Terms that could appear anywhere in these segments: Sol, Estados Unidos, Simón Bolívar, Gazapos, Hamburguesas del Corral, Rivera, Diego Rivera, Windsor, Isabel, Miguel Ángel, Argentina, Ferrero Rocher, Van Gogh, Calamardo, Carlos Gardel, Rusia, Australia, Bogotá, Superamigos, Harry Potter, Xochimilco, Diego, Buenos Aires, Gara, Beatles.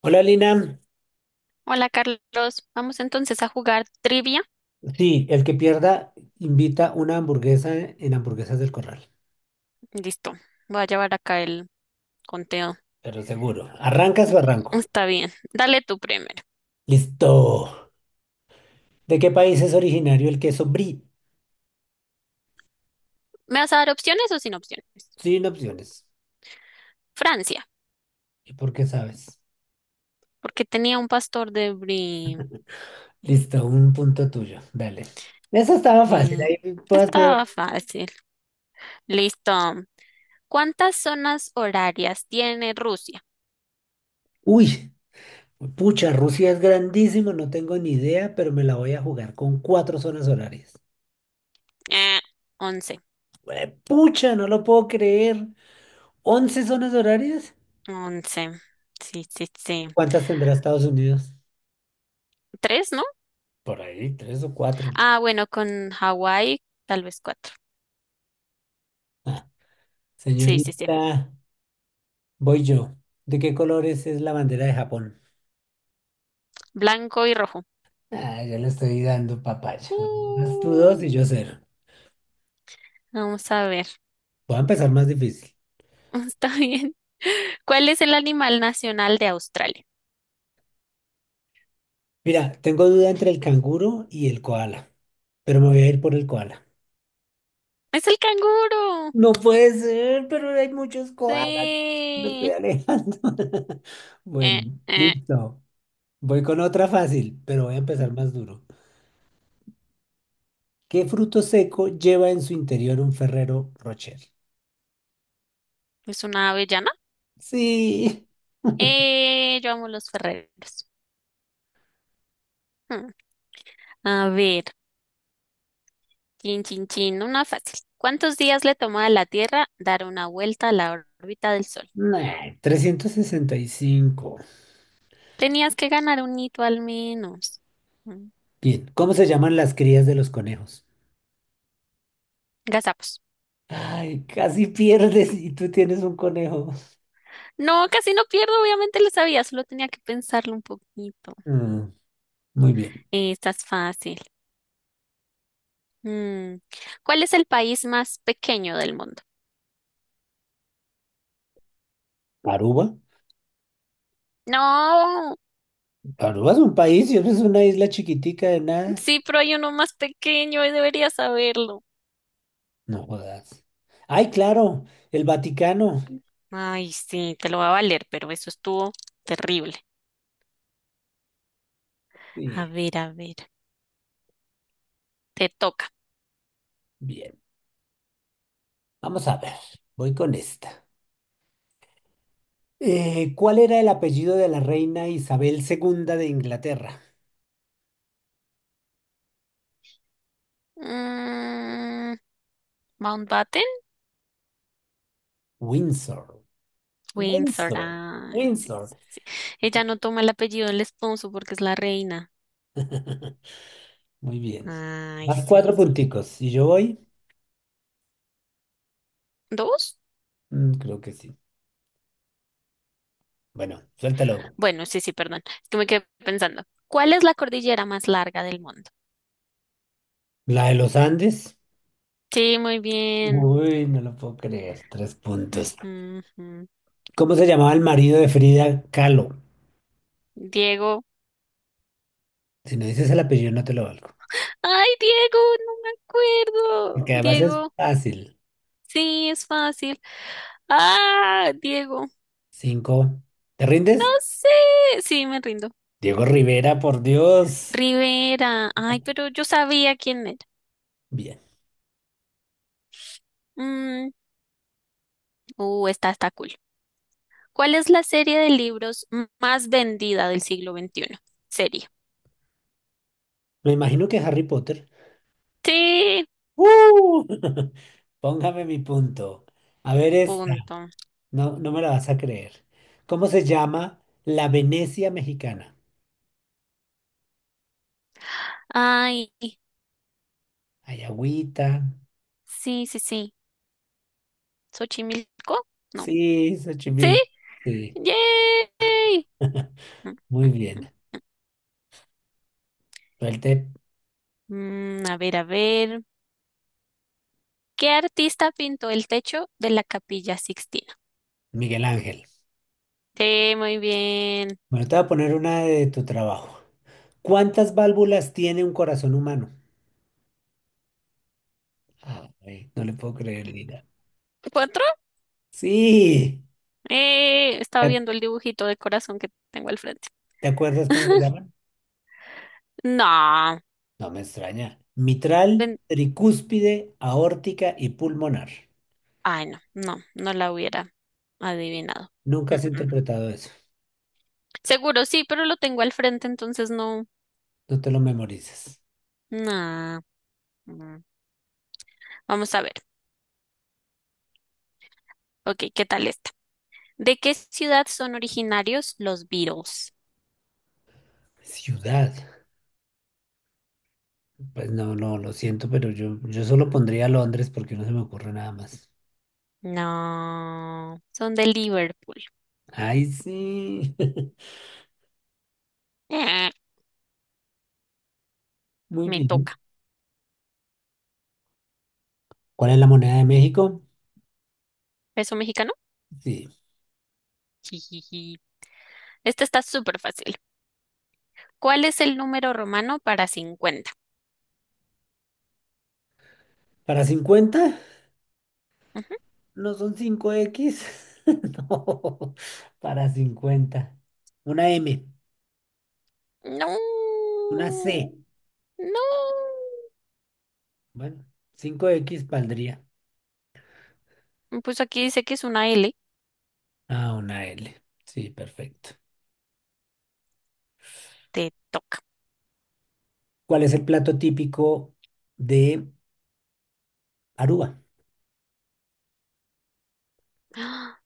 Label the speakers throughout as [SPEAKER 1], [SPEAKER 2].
[SPEAKER 1] Hola Lina,
[SPEAKER 2] Hola Carlos, vamos entonces a jugar trivia.
[SPEAKER 1] sí, el que pierda invita una hamburguesa en Hamburguesas del Corral,
[SPEAKER 2] Listo, voy a llevar acá el conteo.
[SPEAKER 1] pero seguro. ¿Arrancas o arranco?
[SPEAKER 2] Está bien, dale tú primero.
[SPEAKER 1] Listo. ¿De qué país es originario el queso brie?
[SPEAKER 2] ¿Me vas a dar opciones o sin opciones?
[SPEAKER 1] Sin opciones.
[SPEAKER 2] Francia,
[SPEAKER 1] ¿Y por qué sabes?
[SPEAKER 2] porque tenía un pastor de Brie.
[SPEAKER 1] Listo, un punto tuyo. Dale. Eso estaba fácil,
[SPEAKER 2] Eh,
[SPEAKER 1] ahí puedo hacer.
[SPEAKER 2] Estaba fácil. Listo. ¿Cuántas zonas horarias tiene Rusia?
[SPEAKER 1] Uy, pucha, Rusia es grandísimo, no tengo ni idea, pero me la voy a jugar con cuatro zonas horarias.
[SPEAKER 2] Eh, Once.
[SPEAKER 1] Pucha, no lo puedo creer. ¿11 zonas horarias?
[SPEAKER 2] Once. Sí, sí, sí.
[SPEAKER 1] ¿Cuántas tendrá Estados Unidos?
[SPEAKER 2] ¿Tres, no?
[SPEAKER 1] Por ahí, tres o cuatro.
[SPEAKER 2] Ah, bueno, con Hawái, tal vez cuatro. Sí, sí, sí.
[SPEAKER 1] Señorita, voy yo. ¿De qué colores es la bandera de Japón?
[SPEAKER 2] Blanco y rojo.
[SPEAKER 1] Ah, yo le estoy dando papaya. Vas tú dos
[SPEAKER 2] Uh.
[SPEAKER 1] y yo cero.
[SPEAKER 2] Vamos a ver.
[SPEAKER 1] Voy a empezar más difícil.
[SPEAKER 2] Está bien. ¿Cuál es el animal nacional de Australia?
[SPEAKER 1] Mira, tengo duda entre el canguro y el koala, pero me voy a ir por el koala.
[SPEAKER 2] Es el canguro.
[SPEAKER 1] No puede ser, pero hay muchos koalas. Me estoy
[SPEAKER 2] Sí.
[SPEAKER 1] alejando. Bueno,
[SPEAKER 2] Eh, eh.
[SPEAKER 1] listo. Voy con otra fácil, pero voy a empezar más duro. ¿Qué fruto seco lleva en su interior un Ferrero Rocher?
[SPEAKER 2] Es una avellana.
[SPEAKER 1] Sí.
[SPEAKER 2] Yo amo los ferreros. Hmm. A ver, chin, chin, chin, una fácil. ¿Cuántos días le tomó a la Tierra dar una vuelta a la órbita del Sol?
[SPEAKER 1] Nah, 365.
[SPEAKER 2] Tenías que ganar un hito al menos. Mm,
[SPEAKER 1] Bien, ¿cómo se llaman las crías de los conejos?
[SPEAKER 2] Gazapos.
[SPEAKER 1] Ay, casi pierdes y tú tienes un conejo.
[SPEAKER 2] No, casi no pierdo, obviamente lo sabía, solo tenía que pensarlo un poquito.
[SPEAKER 1] Mm, muy bien.
[SPEAKER 2] Esta es fácil. Mm, ¿Cuál es el país más pequeño del mundo?
[SPEAKER 1] ¿Aruba?
[SPEAKER 2] No,
[SPEAKER 1] Aruba es un país y eso es una isla chiquitica de nada.
[SPEAKER 2] sí, pero hay uno más pequeño y deberías saberlo.
[SPEAKER 1] No jodas. Ay, claro, el Vaticano.
[SPEAKER 2] Ay, sí, te lo va a valer, pero eso estuvo terrible.
[SPEAKER 1] Bien,
[SPEAKER 2] A ver, te toca.
[SPEAKER 1] bien. Vamos a ver, voy con esta. ¿Cuál era el apellido de la reina Isabel II de Inglaterra?
[SPEAKER 2] Mm, Mountbatten,
[SPEAKER 1] Windsor.
[SPEAKER 2] Windsor.
[SPEAKER 1] Windsor.
[SPEAKER 2] Ay, sí,
[SPEAKER 1] Windsor.
[SPEAKER 2] sí, sí. Ella no toma el apellido del esposo porque es la reina.
[SPEAKER 1] Muy bien.
[SPEAKER 2] Ay,
[SPEAKER 1] Más
[SPEAKER 2] sí,
[SPEAKER 1] cuatro
[SPEAKER 2] sí.
[SPEAKER 1] punticos. ¿Y yo voy?
[SPEAKER 2] ¿Dos?
[SPEAKER 1] Mm, creo que sí. Bueno, suéltalo.
[SPEAKER 2] Bueno, sí, sí, perdón. Es que me quedé pensando. ¿Cuál es la cordillera más larga del mundo?
[SPEAKER 1] La de los Andes.
[SPEAKER 2] Sí, muy bien.
[SPEAKER 1] Uy, no lo puedo creer. Tres puntos.
[SPEAKER 2] Ujú, ujú.
[SPEAKER 1] ¿Cómo se llamaba el marido de Frida Kahlo?
[SPEAKER 2] Diego.
[SPEAKER 1] Si no dices el apellido, no te lo valgo.
[SPEAKER 2] Ay, Diego, no me acuerdo.
[SPEAKER 1] Porque además es
[SPEAKER 2] Diego,
[SPEAKER 1] fácil.
[SPEAKER 2] sí, es fácil. Ah, Diego,
[SPEAKER 1] Cinco. ¿Te
[SPEAKER 2] no
[SPEAKER 1] rindes?
[SPEAKER 2] sé. Sí, me rindo.
[SPEAKER 1] Diego Rivera, por Dios.
[SPEAKER 2] Rivera. Ay, pero yo sabía quién era.
[SPEAKER 1] Bien.
[SPEAKER 2] Mm, esta está cool. ¿Cuál es la serie de libros más vendida del siglo veintiuno? Serie.
[SPEAKER 1] Me imagino que Harry Potter.
[SPEAKER 2] Sí,
[SPEAKER 1] ¡Uh! Póngame mi punto. A ver, es...
[SPEAKER 2] punto.
[SPEAKER 1] No, no me la vas a creer. ¿Cómo se llama la Venecia mexicana?
[SPEAKER 2] Ay,
[SPEAKER 1] Ayagüita.
[SPEAKER 2] sí, sí, sí. ¿Xochimilco? No.
[SPEAKER 1] Sí,
[SPEAKER 2] Sí,
[SPEAKER 1] Xochimilco. Sí,
[SPEAKER 2] yay. Mm,
[SPEAKER 1] muy
[SPEAKER 2] mm.
[SPEAKER 1] bien. Suelte,
[SPEAKER 2] A ver, a ver. ¿Qué artista pintó el techo de la Capilla Sixtina?
[SPEAKER 1] Miguel Ángel.
[SPEAKER 2] Sí, muy bien.
[SPEAKER 1] Bueno, te voy a poner una de tu trabajo. ¿Cuántas válvulas tiene un corazón humano? Ay, no le puedo creer, Lina.
[SPEAKER 2] ¿Cuatro?
[SPEAKER 1] Sí.
[SPEAKER 2] Estaba
[SPEAKER 1] ¿Te
[SPEAKER 2] viendo el dibujito de corazón que tengo al frente.
[SPEAKER 1] te acuerdas cómo se llaman?
[SPEAKER 2] No,
[SPEAKER 1] No me extraña. Mitral,
[SPEAKER 2] ven-
[SPEAKER 1] tricúspide, aórtica y pulmonar.
[SPEAKER 2] ay, no, no, no la hubiera adivinado.
[SPEAKER 1] Nunca
[SPEAKER 2] Mm,
[SPEAKER 1] has
[SPEAKER 2] mm.
[SPEAKER 1] interpretado eso.
[SPEAKER 2] Seguro sí, pero lo tengo al frente, entonces no.
[SPEAKER 1] No te lo memorices.
[SPEAKER 2] Nah. Mm. Vamos a ver. Ok, ¿qué tal esta? ¿De qué ciudad son originarios los Beatles?
[SPEAKER 1] Ciudad. Pues no, no, lo siento, pero yo solo pondría Londres porque no se me ocurre nada más.
[SPEAKER 2] No, son de Liverpool.
[SPEAKER 1] Ay, sí.
[SPEAKER 2] Eh,
[SPEAKER 1] Muy
[SPEAKER 2] me
[SPEAKER 1] bien.
[SPEAKER 2] toca.
[SPEAKER 1] ¿Cuál es la moneda de México?
[SPEAKER 2] Peso mexicano.
[SPEAKER 1] Sí.
[SPEAKER 2] Jijiji. Este está súper fácil. ¿Cuál es el número romano para cincuenta?
[SPEAKER 1] ¿Para 50?
[SPEAKER 2] Ujú.
[SPEAKER 1] ¿No son cinco x? No, para 50, una M,
[SPEAKER 2] No,
[SPEAKER 1] una C.
[SPEAKER 2] no.
[SPEAKER 1] Bueno, cinco x valdría.
[SPEAKER 2] Pues aquí dice que es una L.
[SPEAKER 1] Ah, una L. Sí, perfecto.
[SPEAKER 2] Te toca.
[SPEAKER 1] ¿Cuál es el plato típico de Aruba?
[SPEAKER 2] ¡Ah!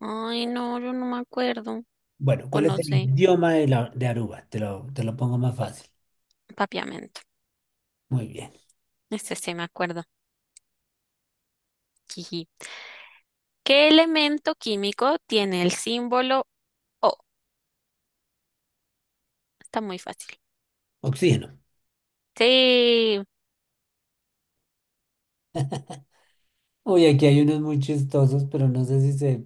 [SPEAKER 2] Ay, no, yo no me acuerdo.
[SPEAKER 1] Bueno,
[SPEAKER 2] O
[SPEAKER 1] ¿cuál es
[SPEAKER 2] no
[SPEAKER 1] el
[SPEAKER 2] sé.
[SPEAKER 1] idioma de, de Aruba? Te lo pongo más fácil.
[SPEAKER 2] Papiamento.
[SPEAKER 1] Muy bien.
[SPEAKER 2] Este sí me acuerdo. Jiji. ¿Qué elemento químico tiene el símbolo O? Está muy fácil.
[SPEAKER 1] Oxígeno.
[SPEAKER 2] Sí,
[SPEAKER 1] Uy, aquí hay unos muy chistosos, pero no sé si se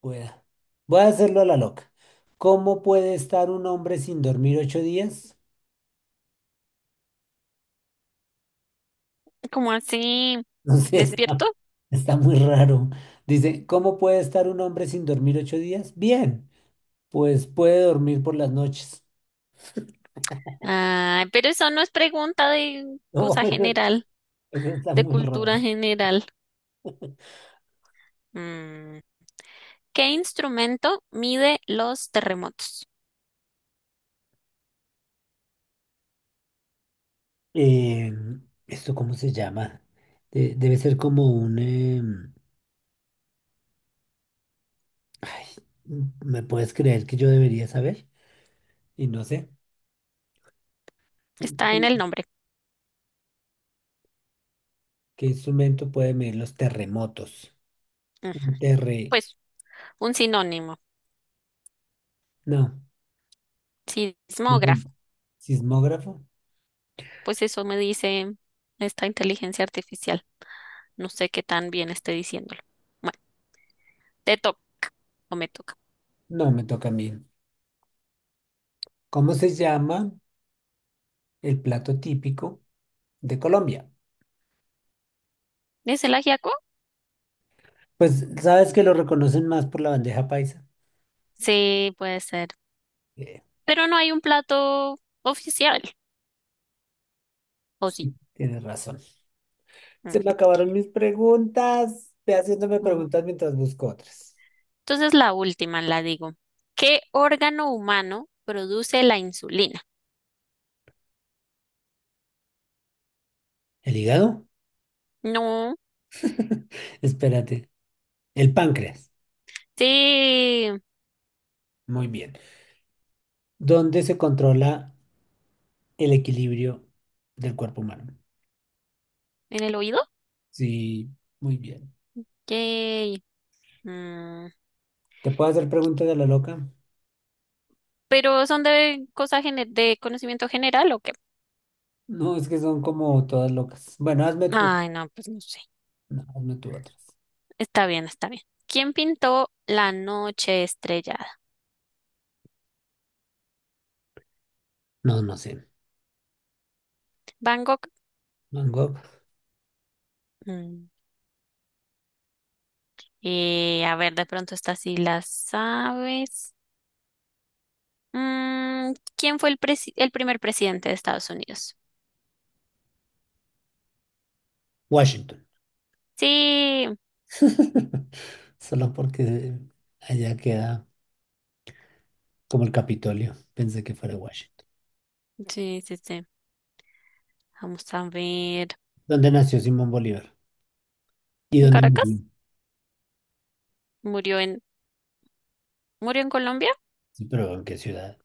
[SPEAKER 1] pueda. Voy a hacerlo a la loca. ¿Cómo puede estar un hombre sin dormir 8 días?
[SPEAKER 2] ¿cómo así?
[SPEAKER 1] No sé, está,
[SPEAKER 2] ¿Despierto?
[SPEAKER 1] está muy raro. Dice: ¿cómo puede estar un hombre sin dormir ocho días? Bien, pues puede dormir por las noches.
[SPEAKER 2] Ay, pero eso no es pregunta de
[SPEAKER 1] No,
[SPEAKER 2] cosa
[SPEAKER 1] eso,
[SPEAKER 2] general,
[SPEAKER 1] eso está
[SPEAKER 2] de
[SPEAKER 1] muy
[SPEAKER 2] cultura
[SPEAKER 1] raro.
[SPEAKER 2] general. Mm. ¿Qué instrumento mide los terremotos?
[SPEAKER 1] Eh, ¿Esto cómo se llama? Debe ser como un... ay, ¿me puedes creer que yo debería saber? Y no sé.
[SPEAKER 2] Está en el nombre.
[SPEAKER 1] ¿Qué instrumento puede medir los terremotos?
[SPEAKER 2] Ujú.
[SPEAKER 1] Un terre...
[SPEAKER 2] Pues un sinónimo,
[SPEAKER 1] No, me
[SPEAKER 2] sismógrafo.
[SPEAKER 1] rindo. ¿Sismógrafo?
[SPEAKER 2] Pues eso me dice esta inteligencia artificial. No sé qué tan bien esté diciéndolo. Bueno, te toca o me toca.
[SPEAKER 1] No, me toca a mí. ¿Cómo se llama el plato típico de Colombia?
[SPEAKER 2] ¿Es el ajiaco?
[SPEAKER 1] Pues sabes que lo reconocen más por la bandeja paisa.
[SPEAKER 2] Sí, puede ser.
[SPEAKER 1] Eh,
[SPEAKER 2] Pero no hay un plato oficial, ¿o sí?
[SPEAKER 1] sí, tienes razón. Se
[SPEAKER 2] Mm.
[SPEAKER 1] me acabaron mis preguntas. Ve haciéndome
[SPEAKER 2] mm.
[SPEAKER 1] preguntas mientras busco otras.
[SPEAKER 2] Entonces la última la digo. ¿Qué órgano humano produce la insulina?
[SPEAKER 1] ¿El hígado?
[SPEAKER 2] No,
[SPEAKER 1] Espérate. El páncreas.
[SPEAKER 2] sí, en
[SPEAKER 1] Muy bien. Donde se controla el equilibrio del cuerpo humano.
[SPEAKER 2] el oído.
[SPEAKER 1] Sí, muy bien.
[SPEAKER 2] Yay. Mm,
[SPEAKER 1] ¿Te puedo hacer preguntas de la loca?
[SPEAKER 2] ¿pero son de cosas de conocimiento general o qué?
[SPEAKER 1] No, es que son como todas locas. Bueno, hazme tú.
[SPEAKER 2] Ay, no, pues no sé.
[SPEAKER 1] No, hazme tú otras.
[SPEAKER 2] Está bien, está bien. ¿Quién pintó La noche estrellada?
[SPEAKER 1] No, no sé.
[SPEAKER 2] Van Gogh.
[SPEAKER 1] Van Gogh,
[SPEAKER 2] Mm, a ver, de pronto esta sí la sabes. Mm, ¿quién fue el el primer presidente de Estados Unidos?
[SPEAKER 1] Washington.
[SPEAKER 2] Sí,
[SPEAKER 1] Solo porque allá queda como el Capitolio. Pensé que fuera Washington.
[SPEAKER 2] sí, sí, sí. Vamos a ver.
[SPEAKER 1] ¿Dónde nació Simón Bolívar? ¿Y
[SPEAKER 2] ¿En
[SPEAKER 1] dónde murió?
[SPEAKER 2] Caracas? ¿Murió en, ¿murió en Colombia?
[SPEAKER 1] Sí, pero ¿en qué ciudad?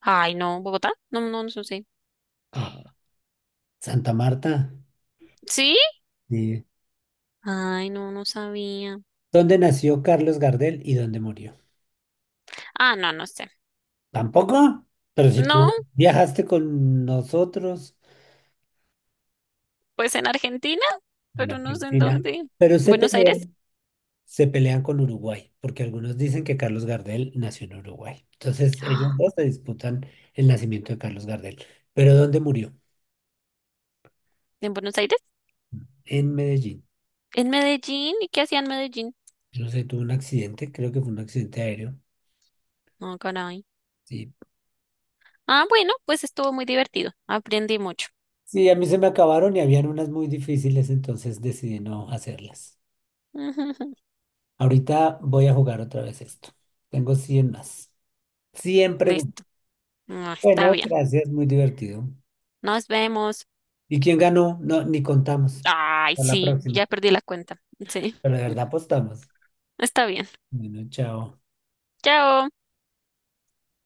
[SPEAKER 2] Ay, no, Bogotá. No, no, no sé.
[SPEAKER 1] Ah, Santa Marta.
[SPEAKER 2] ¿Sí?
[SPEAKER 1] Sí.
[SPEAKER 2] Ay, no, no sabía.
[SPEAKER 1] ¿Dónde nació Carlos Gardel y dónde murió?
[SPEAKER 2] Ah, no, no sé.
[SPEAKER 1] ¿Tampoco? Pero si
[SPEAKER 2] No,
[SPEAKER 1] tú viajaste con nosotros
[SPEAKER 2] pues en Argentina,
[SPEAKER 1] en
[SPEAKER 2] pero no sé en
[SPEAKER 1] Argentina,
[SPEAKER 2] dónde.
[SPEAKER 1] pero se
[SPEAKER 2] ¿Buenos Aires?
[SPEAKER 1] pelean, se pelean con Uruguay, porque algunos dicen que Carlos Gardel nació en Uruguay. Entonces ellos
[SPEAKER 2] Ah,
[SPEAKER 1] dos se disputan el nacimiento de Carlos Gardel. ¿Pero dónde murió?
[SPEAKER 2] ¿en Buenos Aires?
[SPEAKER 1] En Medellín.
[SPEAKER 2] ¿En Medellín? ¿Y qué hacía en Medellín?
[SPEAKER 1] No sé, tuvo un accidente, creo que fue un accidente aéreo.
[SPEAKER 2] No, caray.
[SPEAKER 1] Sí.
[SPEAKER 2] Ah, bueno, pues estuvo muy divertido. Aprendí mucho.
[SPEAKER 1] Sí, a mí se me acabaron y habían unas muy difíciles, entonces decidí no hacerlas. Ahorita voy a jugar otra vez esto. Tengo 100 más. Siempre.
[SPEAKER 2] Listo. Ah, está
[SPEAKER 1] Bueno,
[SPEAKER 2] bien.
[SPEAKER 1] gracias, muy divertido.
[SPEAKER 2] Nos vemos.
[SPEAKER 1] ¿Y quién ganó? No, ni contamos.
[SPEAKER 2] Ay,
[SPEAKER 1] Hasta la
[SPEAKER 2] sí,
[SPEAKER 1] próxima.
[SPEAKER 2] ya perdí la cuenta. Sí,
[SPEAKER 1] Pero de verdad apostamos.
[SPEAKER 2] está bien.
[SPEAKER 1] Bueno, chao.
[SPEAKER 2] Chao.